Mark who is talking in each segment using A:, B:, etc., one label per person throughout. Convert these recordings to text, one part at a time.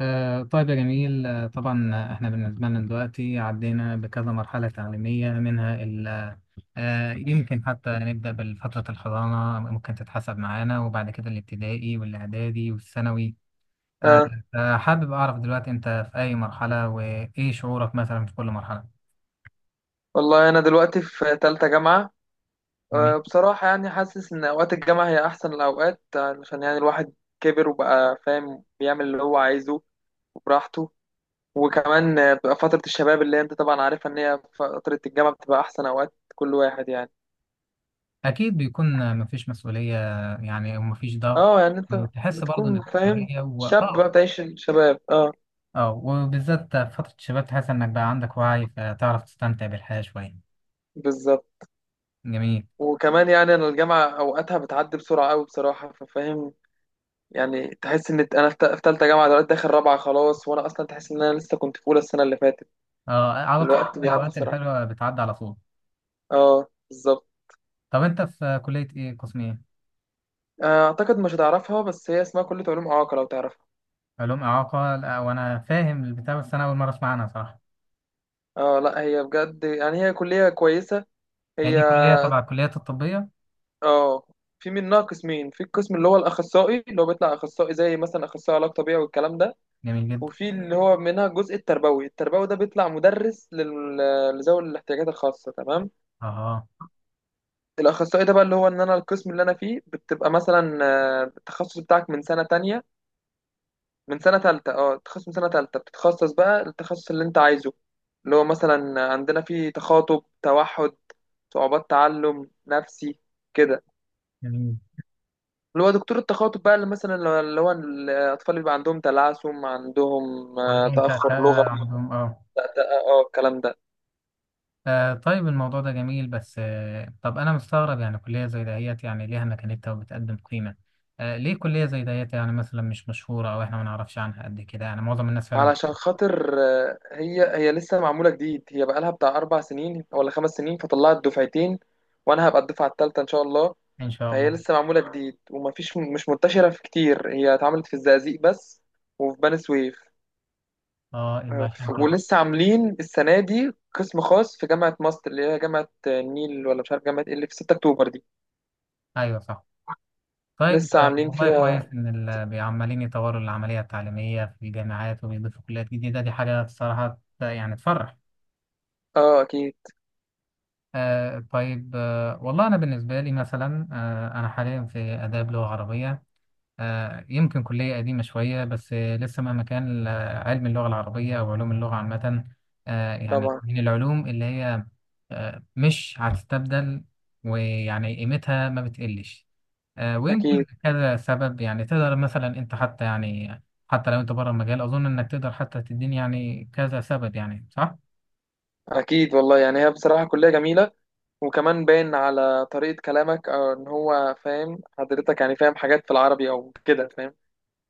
A: طيب يا جميل، طبعا. احنا بالنسبة لنا دلوقتي عدينا بكذا مرحلة تعليمية، منها يمكن حتى نبدأ بالفترة الحضانة، ممكن تتحسب معانا، وبعد كده الابتدائي والإعدادي والثانوي. آه،
B: آه
A: حابب أعرف دلوقتي أنت في أي مرحلة وإيه شعورك مثلا في كل مرحلة.
B: والله أنا دلوقتي في تالتة جامعة.
A: جميل.
B: بصراحة يعني حاسس إن أوقات الجامعة هي أحسن الأوقات، علشان يعني الواحد كبر وبقى فاهم بيعمل اللي هو عايزه وبراحته. وكمان بتبقى فترة الشباب اللي أنت طبعا عارفها، إن هي فترة الجامعة بتبقى أحسن أوقات كل واحد يعني.
A: أكيد بيكون مفيش مسؤولية، يعني ومفيش ضغط.
B: أه يعني أنت
A: تحس برضه
B: بتكون
A: إنك في
B: فاهم،
A: حرية و...
B: شاب بقى
A: آه
B: بتعيش الشباب، أه
A: وبالذات في فترة الشباب تحس إنك بقى عندك وعي، فتعرف تستمتع بالحياة شوية.
B: بالظبط.
A: جميل.
B: وكمان يعني أنا الجامعة أوقاتها بتعدي بسرعة أوي بصراحة، ففاهم يعني، تحس ان انا في تالتة جامعة دلوقتي داخل رابعة خلاص، وانا اصلا تحس ان انا لسه كنت في اولى السنة اللي فاتت.
A: اه، على طول كده
B: الوقت بيعدي
A: الاوقات
B: بسرعة،
A: الحلوه بتعدي على طول.
B: اه بالظبط.
A: طب انت في كليه ايه؟ قسم ايه؟
B: اعتقد مش هتعرفها، بس هي اسمها كلية علوم اعاقة لو تعرفها.
A: علوم اعاقه؟ لا، وانا فاهم البتاع بس انا اول مره اسمع عنها صراحه.
B: اه لا هي بجد يعني هي كلية كويسة.
A: هي
B: هي
A: دي كليه تبع الكليات الطبيه؟
B: اه في منها قسمين، في القسم اللي هو الاخصائي اللي هو بيطلع اخصائي، زي مثلا اخصائي علاج طبيعي والكلام ده.
A: جميل جدا.
B: وفي اللي هو منها الجزء التربوي، التربوي ده بيطلع مدرس لذوي الاحتياجات الخاصة، تمام.
A: اه.
B: الاخصائي ده بقى اللي هو ان انا القسم اللي انا فيه بتبقى مثلا التخصص بتاعك من سنه تانية، من سنه تالتة، اه التخصص من سنه تالتة بتتخصص بقى التخصص اللي انت عايزه، اللي هو مثلا عندنا فيه تخاطب، توحد، صعوبات تعلم، نفسي، كده.
A: جميل.
B: اللي هو دكتور التخاطب بقى اللي مثلا اللي هو الاطفال اللي بيبقى عندهم تلعثم، عندهم
A: عندهم
B: تاخر
A: تأتأة،
B: لغوي،
A: عندهم اه.
B: اه الكلام ده.
A: طيب الموضوع ده جميل، بس طب انا مستغرب، يعني كليه زي دهيت يعني ليها مكانتها وبتقدم قيمه. ليه كليه زي دهيت يعني مثلا مش مشهوره، او احنا ما نعرفش عنها قد كده؟ يعني معظم الناس فعلا
B: علشان خاطر هي لسه معمولة جديد، هي بقالها بتاع 4 سنين ولا 5 سنين، فطلعت دفعتين وأنا هبقى الدفعة التالتة إن شاء الله.
A: ان شاء
B: فهي
A: الله.
B: لسه معمولة جديد ومفيش، مش منتشرة في كتير، هي اتعملت في الزقازيق بس، وفي بني سويف.
A: اه، يبقى عشان كده.
B: ولسه عاملين السنة دي قسم خاص في جامعة ماست اللي هي جامعة، النيل ولا مش عارف جامعة ايه اللي في 6 أكتوبر دي.
A: ايوه صح. طيب،
B: لسه عاملين
A: والله
B: فيها،
A: كويس إن بيعملين يطوروا العملية التعليمية في الجامعات وبيضيفوا كليات جديدة، دي حاجة الصراحة يعني تفرح.
B: اه أكيد،
A: آه، طيب. آه، والله أنا بالنسبة لي مثلا، آه، أنا حاليا في آداب لغة عربية. آه، يمكن كلية قديمة شوية، بس آه، لسه مهما كان علم اللغة العربية أو علوم اللغة عامة، آه، يعني
B: طبعا
A: من العلوم اللي هي آه، مش هتستبدل ويعني قيمتها ما بتقلش.
B: أكيد.
A: ويمكن كذا سبب، يعني تقدر مثلا انت حتى يعني حتى لو انت بره المجال اظن انك تقدر حتى تديني يعني كذا سبب، يعني صح؟
B: أكيد والله يعني هي بصراحة كلية جميلة. وكمان باين على طريقة كلامك أو إن هو فاهم حضرتك، يعني فاهم حاجات في العربي أو كده، فاهم،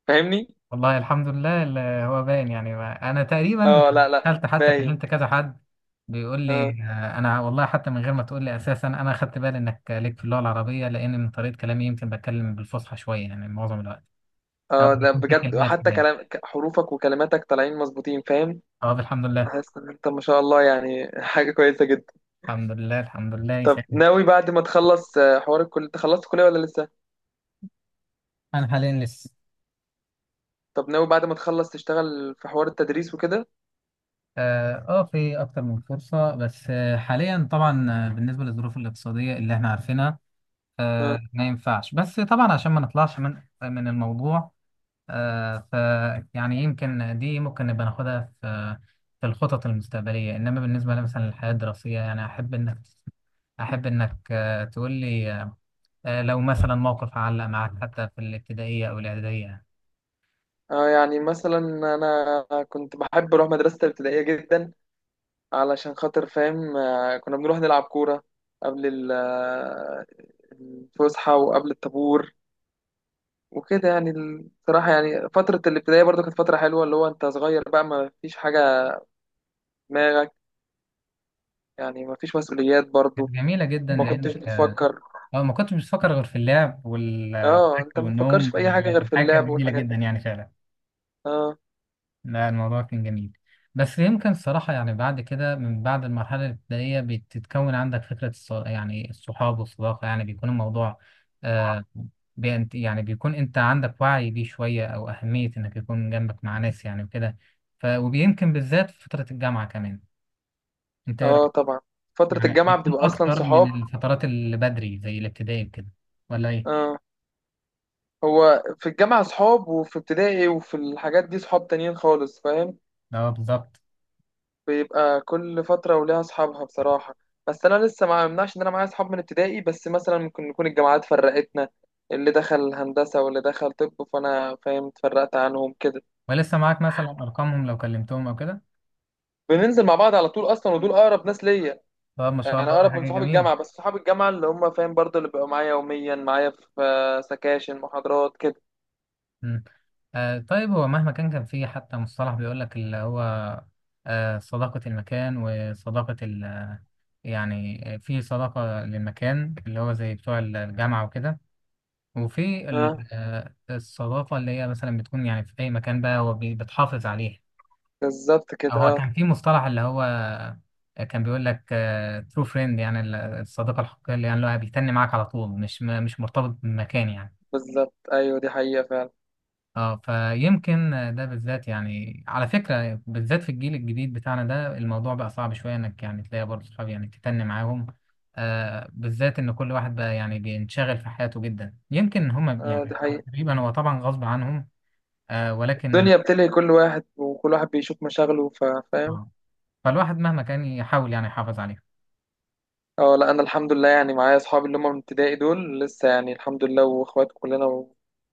B: فاهمني؟
A: والله الحمد لله، اللي هو باين يعني انا تقريبا
B: اه لا لا،
A: دخلت حتى
B: باين.
A: كلمت كذا حد بيقول لي
B: اه
A: انا والله حتى من غير ما تقول لي اساسا انا خدت بالي انك ليك في اللغه العربيه، لان من طريقه كلامي يمكن بتكلم بالفصحى شويه يعني معظم الوقت، او
B: اه ده
A: بيكون في
B: بجد،
A: كلمات
B: حتى
A: كده يعني.
B: حروفك وكلماتك طالعين مظبوطين، فاهم؟
A: اه، الحمد لله.
B: حاسس إن أنت ما شاء الله يعني حاجة كويسة جدا.
A: الحمد لله، الحمد لله
B: طب
A: يسعدك.
B: ناوي بعد ما تخلص حوار الكلية، أنت خلصت الكلية ولا لسه؟
A: انا حاليا لسه.
B: طب ناوي بعد ما تخلص تشتغل في حوار التدريس وكده؟
A: اه، في اكتر من فرصه، بس حاليا طبعا بالنسبه للظروف الاقتصاديه اللي احنا عارفينها،
B: اه.
A: ما ينفعش. بس طبعا عشان ما نطلعش من الموضوع، آه، ف يعني يمكن دي ممكن نبقى ناخدها في في الخطط المستقبليه. انما بالنسبه مثلا للحياه الدراسيه، يعني احب انك تقول لي، لو مثلا موقف علق معك حتى في الابتدائيه او الاعداديه.
B: يعني مثلا أنا كنت بحب أروح مدرسة الابتدائية جدا، علشان خاطر فاهم كنا بنروح نلعب كورة قبل الفسحة وقبل الطابور وكده. يعني بصراحة يعني فترة الابتدائية برضو كانت فترة حلوة، اللي هو أنت صغير بقى ما فيش حاجة في دماغك، يعني ما فيش مسؤوليات
A: كانت
B: برضو،
A: جميله جدا
B: ما كنتش
A: لانك، اه،
B: بتفكر.
A: ما كنتش بفكر غير في اللعب وال-
B: اه أنت
A: والاكل
B: ما بتفكرش
A: والنوم.
B: في أي حاجة غير في
A: الحاجه كانت
B: اللعب
A: جميله
B: والحاجات
A: جدا
B: دي.
A: يعني فعلا.
B: اه.
A: لا، الموضوع كان جميل. بس يمكن الصراحه يعني بعد كده من بعد المرحله الابتدائيه بتتكون عندك فكره يعني الصحاب والصداقه، يعني بيكون الموضوع آه، يعني بيكون انت عندك وعي بيه شويه، او اهميه انك يكون جنبك مع ناس يعني وكده. ف ويمكن بالذات في فتره الجامعه كمان، انت ايه
B: اه
A: رايك؟
B: طبعا فترة
A: يعني
B: الجامعة
A: بيكون
B: بتبقى أصلا
A: اكتر من
B: صحاب.
A: الفترات اللي بدري زي الابتدائي كده، ولا ايه؟
B: اه هو في الجامعة صحاب، وفي ابتدائي وفي الحاجات دي صحاب تانيين خالص، فاهم.
A: اه، بالظبط.
B: بيبقى كل فترة وليها أصحابها بصراحة. بس أنا لسه ما يمنعش إن أنا معايا أصحاب من ابتدائي، بس مثلا ممكن نكون الجامعات فرقتنا، اللي دخل هندسة واللي دخل طب، فأنا فاهم اتفرقت عنهم كده.
A: ولسه معاك مثلا ارقامهم لو كلمتهم او كده؟
B: بننزل مع بعض على طول أصلا، ودول أقرب ناس ليا.
A: طب ما شاء
B: يعني
A: الله، دي
B: أقرب من
A: حاجه
B: صحاب
A: جميله.
B: الجامعة، بس صحاب الجامعة اللي هم فاهم برضه اللي بيبقوا معايا يوميا، معايا في سكاشن محاضرات كده.
A: مم. آه، طيب هو مهما كان كان في حتى مصطلح بيقول لك اللي هو آه، صداقه المكان وصداقه ال يعني، في صداقه للمكان اللي هو زي بتوع الجامعه وكده، وفي
B: أه
A: الصداقه اللي هي مثلا بتكون يعني في اي مكان بقى وبتحافظ عليها.
B: بالظبط
A: هو
B: كده، أه
A: كان في مصطلح اللي هو كان بيقول لك ترو فريند، يعني الصديقة الحقيقية اللي يعني اللي هو بيتني معاك على طول، مش مش مرتبط بمكان يعني.
B: بالظبط أيوه، دي حقيقة فعلا.
A: اه، فيمكن ده بالذات يعني على فكرة بالذات في الجيل الجديد بتاعنا ده الموضوع بقى صعب شوية انك يعني تلاقي برضه صحاب يعني تتني معاهم. آه، بالذات ان كل واحد بقى يعني بينشغل في حياته جدا، يمكن هما
B: أه دي
A: يعني
B: حقيقة،
A: تقريبا هو طبعا غصب عنهم. آه، ولكن
B: الدنيا بتلهي كل واحد وكل واحد بيشوف مشاغله، فاهم.
A: آه، فالواحد مهما كان يحاول يعني يحافظ عليه.
B: اه لا انا الحمد لله يعني معايا اصحابي اللي هم من ابتدائي دول لسه، يعني الحمد لله واخوات كلنا،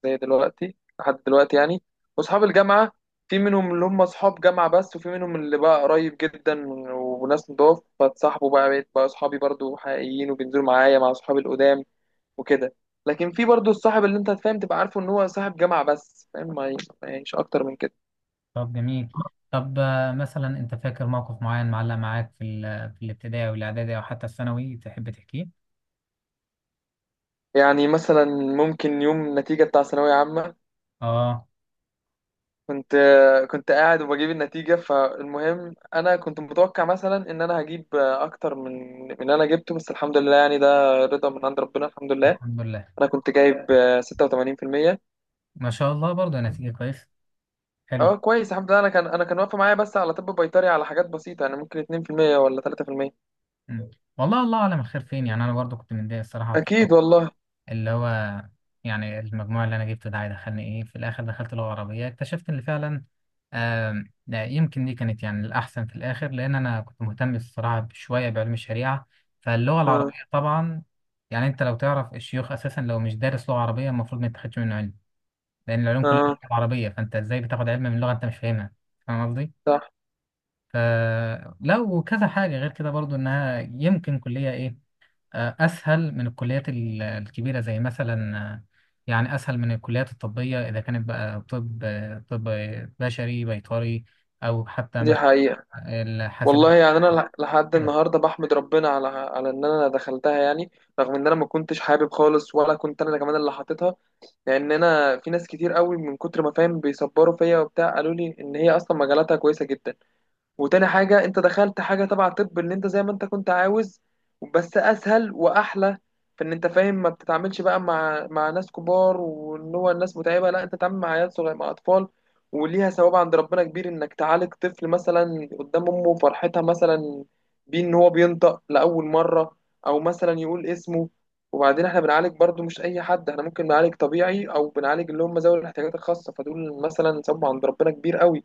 B: زي دلوقتي لحد دلوقتي يعني. واصحاب الجامعه في منهم اللي هم اصحاب جامعه بس، وفي منهم اللي بقى قريب جدا. وناس نضاف فاتصاحبوا بقى، بقيت بقى اصحابي برضو حقيقيين، وبينزلوا معايا مع اصحابي القدام وكده. لكن في برضو الصاحب اللي انت فاهم تبقى عارفه ان هو صاحب جامعه بس، فاهم، مش اكتر من كده.
A: طب جميل. طب مثلا انت فاكر موقف معين معلق معاك في في الابتدائي والاعدادي او حتى الثانوي تحب تحكيه؟
B: يعني مثلا ممكن يوم النتيجه بتاع ثانويه عامه،
A: اه،
B: كنت كنت قاعد وبجيب النتيجة، فالمهم أنا كنت متوقع مثلا إن أنا هجيب أكتر من اللي أنا جبته، بس الحمد لله يعني ده رضا من عند ربنا الحمد لله.
A: الحمد لله.
B: أنا كنت جايب 86%.
A: ما شاء الله، برضه نتيجة كويس. حلو.
B: أه كويس الحمد لله، أنا كان أنا كان واقفة معايا بس على طب بيطري على حاجات بسيطة، يعني ممكن 2% ولا 3%.
A: مم. والله الله اعلم الخير فين. يعني انا برضه كنت متضايق الصراحة في
B: أكيد
A: الأول،
B: والله.
A: اللي هو يعني المجموع اللي انا جبته ده هيدخلني ايه في الاخر. دخلت لغة عربية، اكتشفت ان فعلا يمكن دي كانت يعني الأحسن في الآخر، لأن أنا كنت مهتم الصراحة شوية بعلم الشريعة، فاللغة
B: أه
A: العربية طبعا يعني أنت لو تعرف الشيوخ أساسا لو مش دارس لغة عربية المفروض ما تاخدش منه علم، لأن العلوم كلها في
B: أه
A: اللغة العربية، فأنت إزاي بتاخد علم من لغة أنت مش فاهمها؟ فاهم قصدي؟
B: صح.
A: فلو كذا حاجة غير كده برضو إنها يمكن كلية إيه، أسهل من الكليات الكبيرة زي مثلا يعني أسهل من الكليات الطبية إذا كانت بقى طب طب بشري، بيطري، أو حتى
B: دي
A: مثلا
B: حقيقة
A: الحاسبات
B: والله، يعني أنا لحد
A: كده.
B: النهاردة بحمد ربنا على على إن أنا دخلتها يعني. رغم إن أنا ما كنتش حابب خالص، ولا كنت أنا كمان اللي حاططها. لان انا في ناس كتير قوي من كتر ما فاهم بيصبروا فيا وبتاع، قالوا لي ان هي اصلا مجالاتها كويسه جدا. وتاني حاجة انت دخلت حاجة تبع طب، ان انت زي ما انت كنت عاوز، بس اسهل واحلى، في ان انت فاهم ما بتتعاملش بقى مع ناس كبار وان هو الناس متعبة، لا انت تتعامل مع عيال صغيرة مع اطفال. وليها ثواب عند ربنا كبير، انك تعالج طفل مثلا قدام امه فرحتها مثلا بيه، ان هو بينطق لاول مرة او مثلا يقول اسمه. وبعدين احنا بنعالج برضو مش اي حد، احنا ممكن نعالج طبيعي او بنعالج اللي هم ذوي الاحتياجات الخاصة، فدول مثلا ثواب عند ربنا كبير قوي.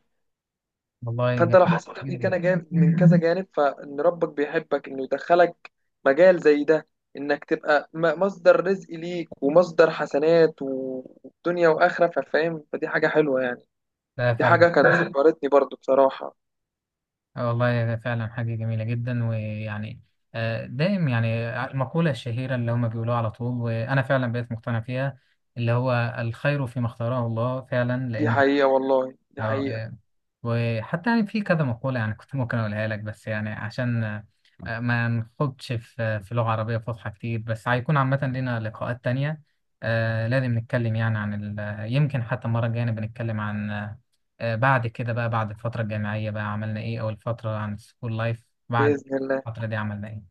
A: والله
B: فانت
A: جميل
B: لو حسيت من
A: جدا.
B: كذا جانب من كذا جانب، فان ربك بيحبك انه يدخلك مجال زي ده، انك تبقى مصدر رزق ليك ومصدر حسنات ودنيا واخره، ففاهم فدي حاجه حلوه يعني.
A: لا
B: دي
A: فعلا،
B: حاجه كانت فاهم، فكرتني برضو بصراحه.
A: والله فعلا حاجة جميلة جدا. ويعني دايم يعني المقولة الشهيرة اللي هم بيقولوها على طول، وأنا فعلا بقيت مقتنع فيها، اللي هو الخير فيما اختاره الله فعلا،
B: دي
A: لأن
B: حقيقه والله دي
A: اه،
B: حقيقه.
A: آه. وحتى يعني في كذا مقولة يعني كنت ممكن أقولها لك، بس يعني عشان ما نخوضش في في لغة عربية فصحى كتير، بس هيكون عامة لنا لقاءات تانية. لازم نتكلم يعني عن يمكن حتى المرة الجاية بنتكلم عن بعد كده بقى بعد الفترة الجامعية بقى عملنا إيه، أو الفترة عن السكول لايف بعد
B: باذن الله.
A: الفترة دي عملنا إيه.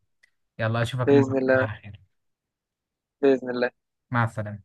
A: يلا أشوفك المرة
B: باذن
A: الجاية
B: الله.
A: على خير.
B: باذن الله.
A: مع السلامة.